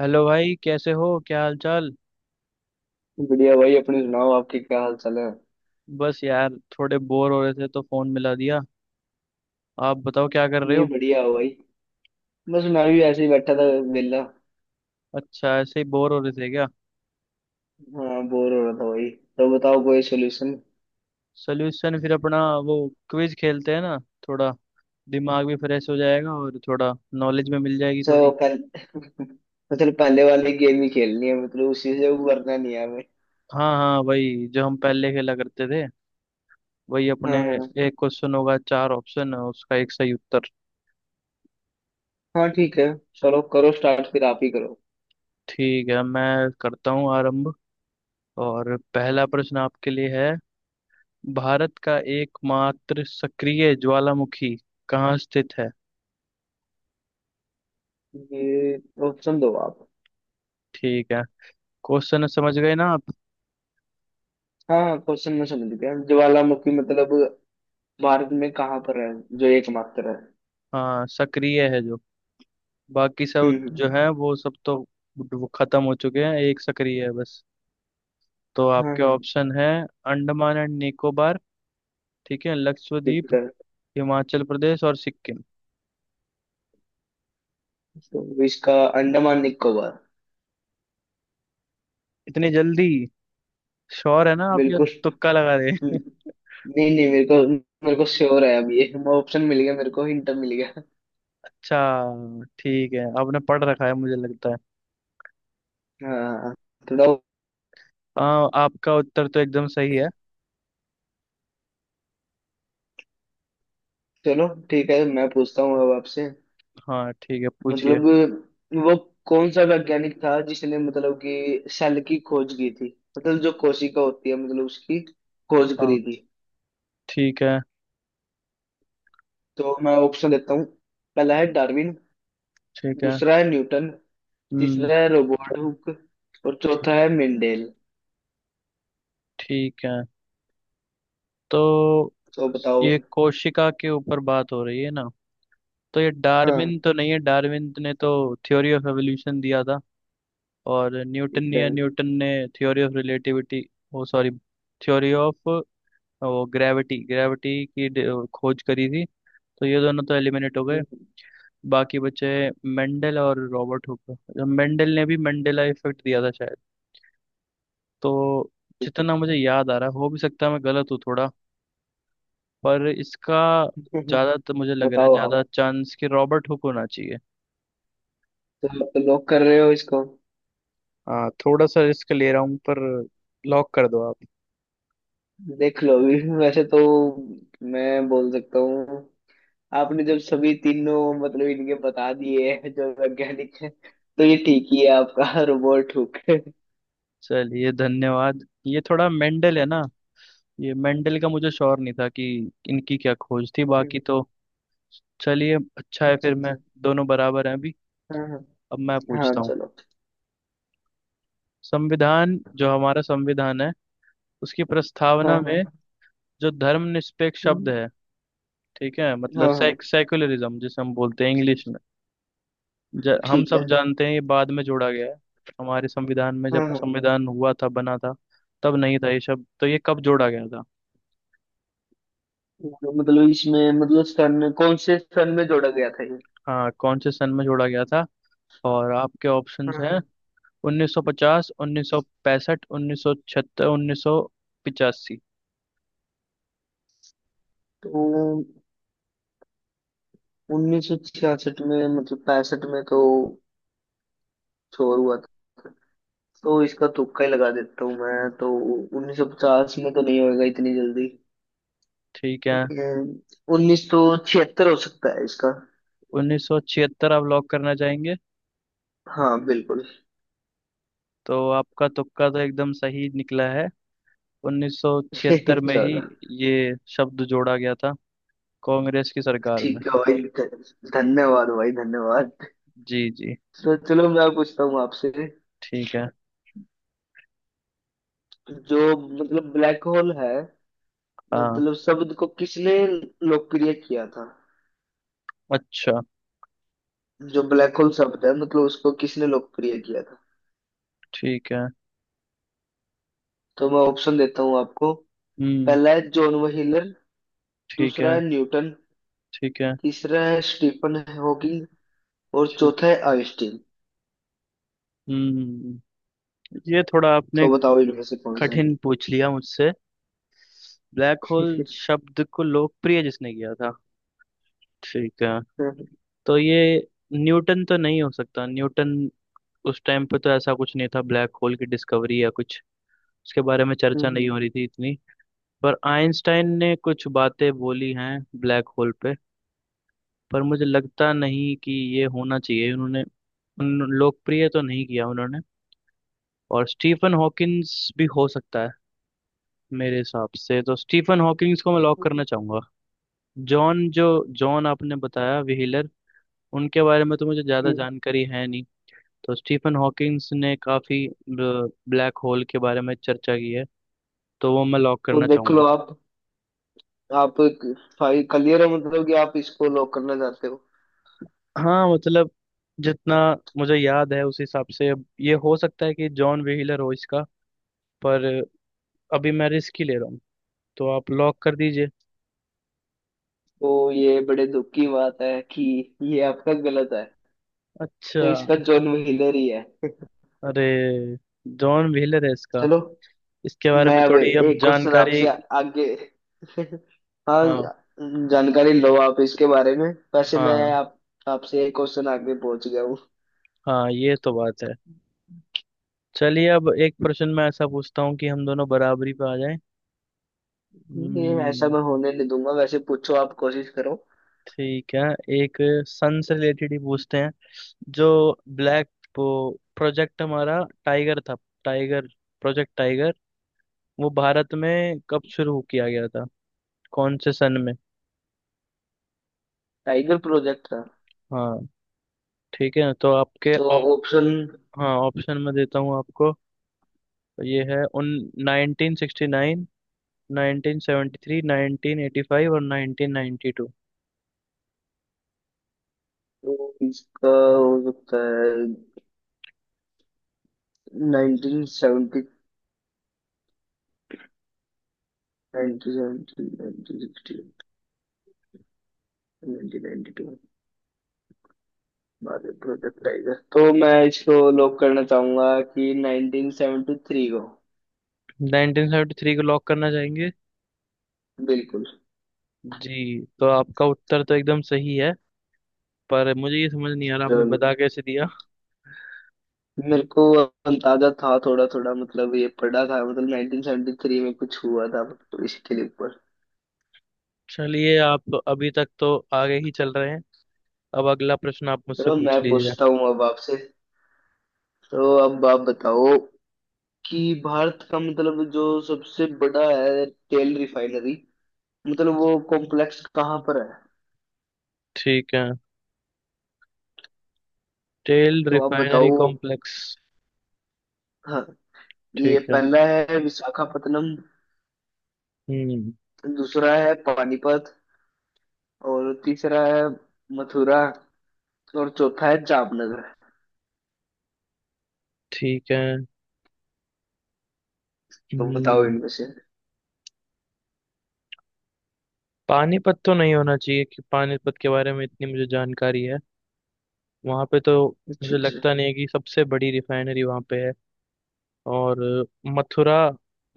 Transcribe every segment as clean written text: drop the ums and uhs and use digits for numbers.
Hello भाई कैसे हो क्या हाल चाल। बढ़िया भाई। अपने सुनाओ, आपके क्या हाल चाल है। बस यार थोड़े बोर हो रहे थे तो फोन मिला दिया। आप बताओ क्या कर रहे नहीं, हो। बढ़िया हो भाई। बस मैं भी ऐसे ही बैठा था। वेला। अच्छा ऐसे ही बोर हो रहे थे क्या। हाँ, बोर हो रहा था भाई। तो बताओ कोई सोल्यूशन। सोल्यूशन फिर अपना वो क्विज खेलते हैं ना, थोड़ा दिमाग भी फ्रेश हो जाएगा और थोड़ा नॉलेज में मिल जाएगी सो थोड़ी। पहले मतलब पहले वाली गेम ही खेलनी है, मतलब उसी से उबरना नहीं है हमें। हाँ हाँ, वही जो हम पहले खेला करते थे, वही अपने हाँ हाँ एक क्वेश्चन होगा, चार ऑप्शन है, उसका एक सही उत्तर। हाँ, ठीक है। चलो करो स्टार्ट, फिर आप ही करो। ठीक है, मैं करता हूँ आरंभ। और पहला प्रश्न आपके लिए है, भारत का एकमात्र सक्रिय ज्वालामुखी कहाँ स्थित है। ये ऑप्शन दो आप। ठीक है। क्वेश्चन समझ गए ना आप। हाँ हाँ, क्वेश्चन में समझ गया। ज्वालामुखी मतलब भारत में कहाँ पर है जो एकमात्र है। हाँ सक्रिय है जो, बाकी सब जो हम्म। है वो सब तो वो खत्म हो चुके हैं, एक सक्रिय है बस। तो हाँ आपके हाँ, ऑप्शन है अंडमान एंड निकोबार, ठीक है, लक्षद्वीप, ठीक है। हिमाचल प्रदेश और सिक्किम। तो इसका अंडमान निकोबार। इतनी जल्दी, श्योर है ना आप, ये बिल्कुल। तुक्का लगा रहे हैं? नहीं नहीं, मेरे को श्योर है। अब ये ऑप्शन मिल गया, मेरे को हिंट मिल गया। अच्छा ठीक है, आपने पढ़ रखा है मुझे लगता है। हाँ, थोड़ा। हाँ आपका उत्तर तो एकदम सही है। चलो ठीक है, मैं पूछता हूँ अब आपसे। हाँ ठीक है पूछिए। मतलब वो कौन सा वैज्ञानिक था जिसने मतलब कि सेल की खोज की थी, मतलब जो कोशिका होती है मतलब उसकी खोज हाँ करी थी। ठीक है। तो मैं ऑप्शन देता हूँ। पहला है डार्विन। ठीक है। दूसरा है न्यूटन। हम्म। तीसरा है रोबर्ट हुक। और ठीक। चौथा है मेंडेल। ठीक है। तो तो बताओ। ये कोशिका के ऊपर बात हो रही है ना। तो ये हाँ, डार्विन तो नहीं है, डार्विन ने तो थ्योरी ऑफ एवोल्यूशन दिया था। और न्यूटन ठीक है। या न्यूटन ने थ्योरी ऑफ रिलेटिविटी, वो सॉरी, थ्योरी ऑफ वो ग्रेविटी ग्रेविटी की ड- खोज करी थी। तो ये दोनों तो एलिमिनेट हो गए, बाकी बचे मेंडल और रॉबर्ट हुक। मेंडल ने भी मंडेला इफेक्ट दिया था शायद। तो जितना मुझे याद आ रहा है, हो भी सकता है मैं गलत हूँ थोड़ा, पर इसका ज्यादा तो मुझे लग रहा है, बताओ आप। ज्यादा चांस कि रॉबर्ट हुक होना चाहिए। तो, आप तो लोग कर रहे हो इसको। हाँ थोड़ा सा रिस्क ले रहा हूँ, पर लॉक कर दो आप। देख लो अभी वैसे तो मैं बोल सकता हूँ, आपने जब सभी तीनों मतलब इनके बता दिए हैं, जो वैज्ञानिक है, तो ये ठीक ही है आपका रोबोट हुक। चलिए धन्यवाद। ये थोड़ा मेंडल है ना, ये मेंडल का मुझे श्योर नहीं था कि इनकी क्या खोज थी, बाकी तो चलिए अच्छा है अच्छा फिर मैं। अच्छा। दोनों बराबर हैं अभी। हाँ हाँ अब मैं हाँ। पूछता हूँ, चलो। संविधान जो हमारा संविधान है, उसकी हाँ प्रस्तावना में हाँ। जो धर्मनिरपेक्ष शब्द हम्म, है, ठीक है, मतलब हाँ हाँ, सेक्युलरिज्म जिसे हम बोलते हैं इंग्लिश में। हम ठीक सब है। जानते हैं ये बाद में जोड़ा गया है हमारे संविधान में, जब हाँ हाँ। संविधान हुआ था बना था तब नहीं था ये शब्द, तो ये कब जोड़ा गया था। तो मतलब इसमें मतलब सन कौन से सन में जोड़ा गया था ये। हाँ कौन से सन में जोड़ा गया था। और आपके हाँ ऑप्शंस हैं हाँ। 1950, 1965, 1976, 1985। तो 1966 में, मतलब पैंसठ में तो छोर हुआ था। तो इसका तुक्का ही लगा देता हूँ मैं। तो 1950 में तो नहीं होएगा इतनी जल्दी। ठीक है, 1976 हो सकता है इसका। 1976 आप लॉक करना चाहेंगे। हाँ बिल्कुल। तो आपका तुक्का तो एकदम सही निकला है, 1976 में ही चलो ये शब्द जोड़ा गया था, कांग्रेस की सरकार में। ठीक है भाई। धन्यवाद भाई, धन्यवाद। जी जी। तो चलो मैं पूछता हूँ आपसे। ठीक है। जो मतलब ब्लैक होल है, हाँ। मतलब शब्द को किसने लोकप्रिय किया था। अच्छा। जो ब्लैक होल शब्द है, मतलब उसको किसने लोकप्रिय किया था। ठीक है। तो मैं ऑप्शन देता हूँ आपको। हम्म। पहला है जॉन व्हीलर। ठीक दूसरा है। है न्यूटन। ठीक है। तीसरा है स्टीफन हॉकिंग। और ठीक। चौथा है आइंस्टीन। हम्म। ये थोड़ा आपने तो बताओ इनमें से कौन सा है। कठिन पूछ लिया मुझसे, ब्लैक होल शब्द को लोकप्रिय जिसने किया था। ठीक है, तो ये न्यूटन तो नहीं हो सकता, न्यूटन उस टाइम पे तो ऐसा कुछ नहीं था, ब्लैक होल की डिस्कवरी या कुछ उसके बारे में चर्चा नहीं हो रही थी इतनी। पर आइंस्टाइन ने कुछ बातें बोली हैं ब्लैक होल पे, पर मुझे लगता नहीं कि ये होना चाहिए उन्होंने, उन लोकप्रिय तो नहीं किया उन्होंने। और स्टीफन हॉकिंस भी हो सकता है, मेरे हिसाब से तो स्टीफन हॉकिंस को मैं लॉक करना चाहूंगा। जॉन जो, जॉन आपने बताया व्हीलर, उनके बारे में तो मुझे ज़्यादा जानकारी है नहीं। तो स्टीफन हॉकिंस ने काफ़ी ब्लैक होल के बारे में चर्चा की है, तो वो मैं लॉक तो करना देख चाहूंगा। लो आप भाई, क्लियर है, मतलब कि आप इसको लॉक करना चाहते हो। हाँ मतलब जितना मुझे याद है उस हिसाब से, अब ये हो सकता है कि जॉन व्हीलर हो इसका, पर अभी मैं रिस्क ही ले रहा हूँ, तो आप लॉक कर दीजिए। तो ये बड़े दुख की बात है कि ये आपका गलत है। तो अच्छा। इसका जॉन व्हीलर ही है। अरे, जॉन व्हीलर है इसका। चलो इसके बारे मैं में अब थोड़ी अब एक क्वेश्चन जानकारी। आपसे आगे। हाँ। हाँ। जानकारी लो आप इसके बारे में। वैसे मैं हाँ आप आपसे एक क्वेश्चन आगे पहुंच गया। हाँ, ये तो बात है। चलिए अब एक प्रश्न मैं ऐसा पूछता हूँ कि हम दोनों बराबरी पे आ जाएं। नहीं, ऐसा हम्म, मैं होने नहीं दूंगा। वैसे पूछो, आप कोशिश करो। ठीक है, एक सन से रिलेटेड ही पूछते हैं। जो ब्लैक, वो प्रोजेक्ट हमारा टाइगर था, टाइगर, प्रोजेक्ट टाइगर, वो भारत में कब शुरू किया गया था, कौन से सन में। टाइगर प्रोजेक्ट था। हाँ ठीक है, तो आपके तो ऑप, ऑप्शन हाँ ऑप्शन में देता हूँ आपको। ये है उन 1969, 1973, 1985 और 1992। इसका हो सकता है nineteen seventy nineteen seventy, 1960। Project tiger, तो मैं इसको लॉक करना चाहूंगा कि 1973 को। 1973 को लॉक करना चाहेंगे। बिल्कुल। जी, तो आपका उत्तर तो एकदम सही है, पर मुझे ये समझ नहीं आ रहा आपने चलो, बता कैसे दिया। मेरे को अंदाजा था थोड़ा थोड़ा, मतलब ये पढ़ा था, मतलब 1973 में कुछ हुआ था, तो इसके लिए ऊपर। चलिए आप अभी तक तो आगे ही चल रहे हैं, अब अगला प्रश्न आप मुझसे चलो मैं पूछ लीजिए। पूछता हूँ अब आपसे। तो अब आप बताओ कि भारत का मतलब जो सबसे बड़ा है तेल रिफाइनरी, मतलब वो कॉम्प्लेक्स कहाँ पर है। ठीक है, तेल तो आप रिफाइनरी बताओ। कॉम्प्लेक्स। हाँ। ये ठीक है। पहला है विशाखापत्तनम। हम्म। दूसरा है पानीपत। और तीसरा है मथुरा। और चौथा है जामनगर। ठीक है। तो बताओ हम्म। इनमें से। पानीपत तो नहीं होना चाहिए, कि पानीपत के बारे में इतनी मुझे जानकारी है, वहाँ पे तो अच्छा मुझे अच्छा। लगता नहीं है कि सबसे बड़ी रिफाइनरी वहाँ पे है। और मथुरा,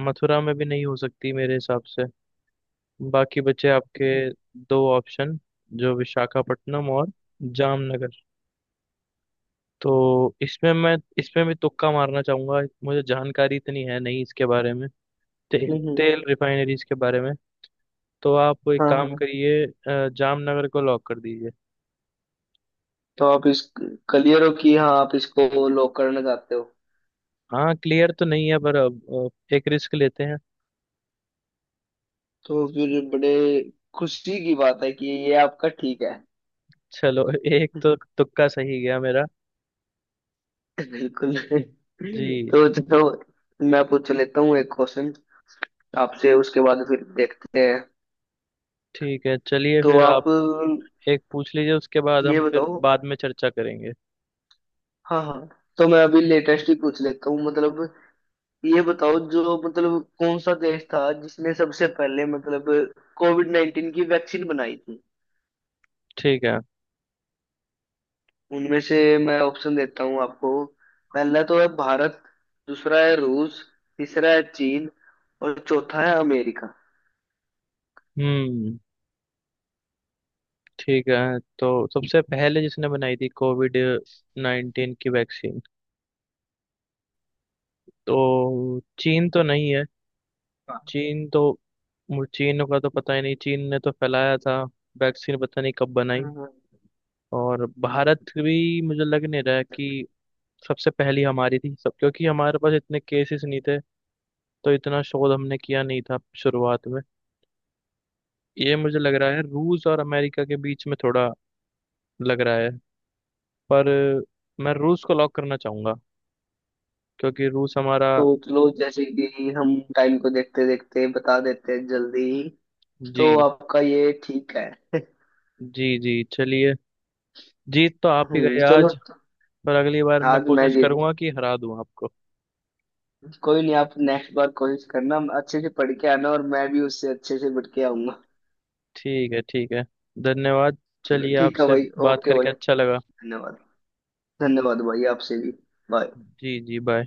मथुरा में भी नहीं हो सकती मेरे हिसाब से। बाकी बचे आपके दो ऑप्शन, जो विशाखापट्टनम और जामनगर। तो इसमें मैं, इसमें भी तुक्का मारना चाहूंगा, मुझे जानकारी इतनी है नहीं इसके बारे में, तेल हम्म। तेल रिफाइनरीज के बारे में। तो आप एक हाँ काम हाँ। करिए जामनगर को लॉक कर दीजिए। तो आप इस क्लियर हो कि हाँ आप इसको लॉक करना चाहते हो। हाँ क्लियर तो नहीं है पर अब एक रिस्क लेते हैं। तो फिर बड़े खुशी की बात है कि ये आपका ठीक है। चलो एक तो तुक्का सही गया मेरा। बिल्कुल। जी। तो चलो, मैं पूछ लेता हूँ एक क्वेश्चन आपसे, उसके बाद फिर देखते हैं। ठीक है, चलिए तो फिर आप आप एक पूछ लीजिए, उसके बाद ये हम फिर बताओ। बाद में चर्चा करेंगे। हाँ हाँ। तो मैं अभी लेटेस्ट ही पूछ लेता हूँ। मतलब ये बताओ, जो मतलब कौन सा देश था जिसने सबसे पहले मतलब कोविड-19 की वैक्सीन बनाई थी। ठीक है। उनमें से मैं ऑप्शन देता हूँ आपको। पहला तो है भारत। दूसरा है रूस। तीसरा है चीन। और चौथा है अमेरिका। हम्म। ठीक है, तो सबसे पहले जिसने बनाई थी कोविड 19 की वैक्सीन। तो चीन तो नहीं है, हाँ। चीन तो, मुझे चीन का तो पता ही नहीं, चीन ने तो फैलाया था, वैक्सीन पता नहीं कब हाँ, बनाई। हाँ। और भारत भी मुझे लग नहीं रहा है कि सबसे पहली हमारी थी सब, क्योंकि हमारे पास इतने केसेस नहीं थे, तो इतना शोध हमने किया नहीं था शुरुआत में। ये मुझे लग रहा है रूस और अमेरिका के बीच में, थोड़ा लग रहा है, पर मैं रूस को लॉक करना चाहूंगा, क्योंकि रूस हमारा। सोच लो, जैसे कि हम टाइम को देखते देखते बता देते हैं जल्दी ही। जी तो आपका ये ठीक है। जी। जी चलिए, जीत तो आप ही हम्म, गए चलो। आज, पर अगली बार मैं आज मैं कोशिश जीत। करूंगा कि हरा दूं आपको। कोई नहीं, आप नेक्स्ट बार कोशिश करना अच्छे से पढ़ के आना, और मैं भी उससे अच्छे से पढ़ के आऊंगा। ठीक है ठीक है, धन्यवाद। चलो चलिए ठीक है आपसे भाई, बात ओके भाई। करके अच्छा लगा। धन्यवाद। धन्यवाद भाई आपसे भी। बाय। जी जी बाय।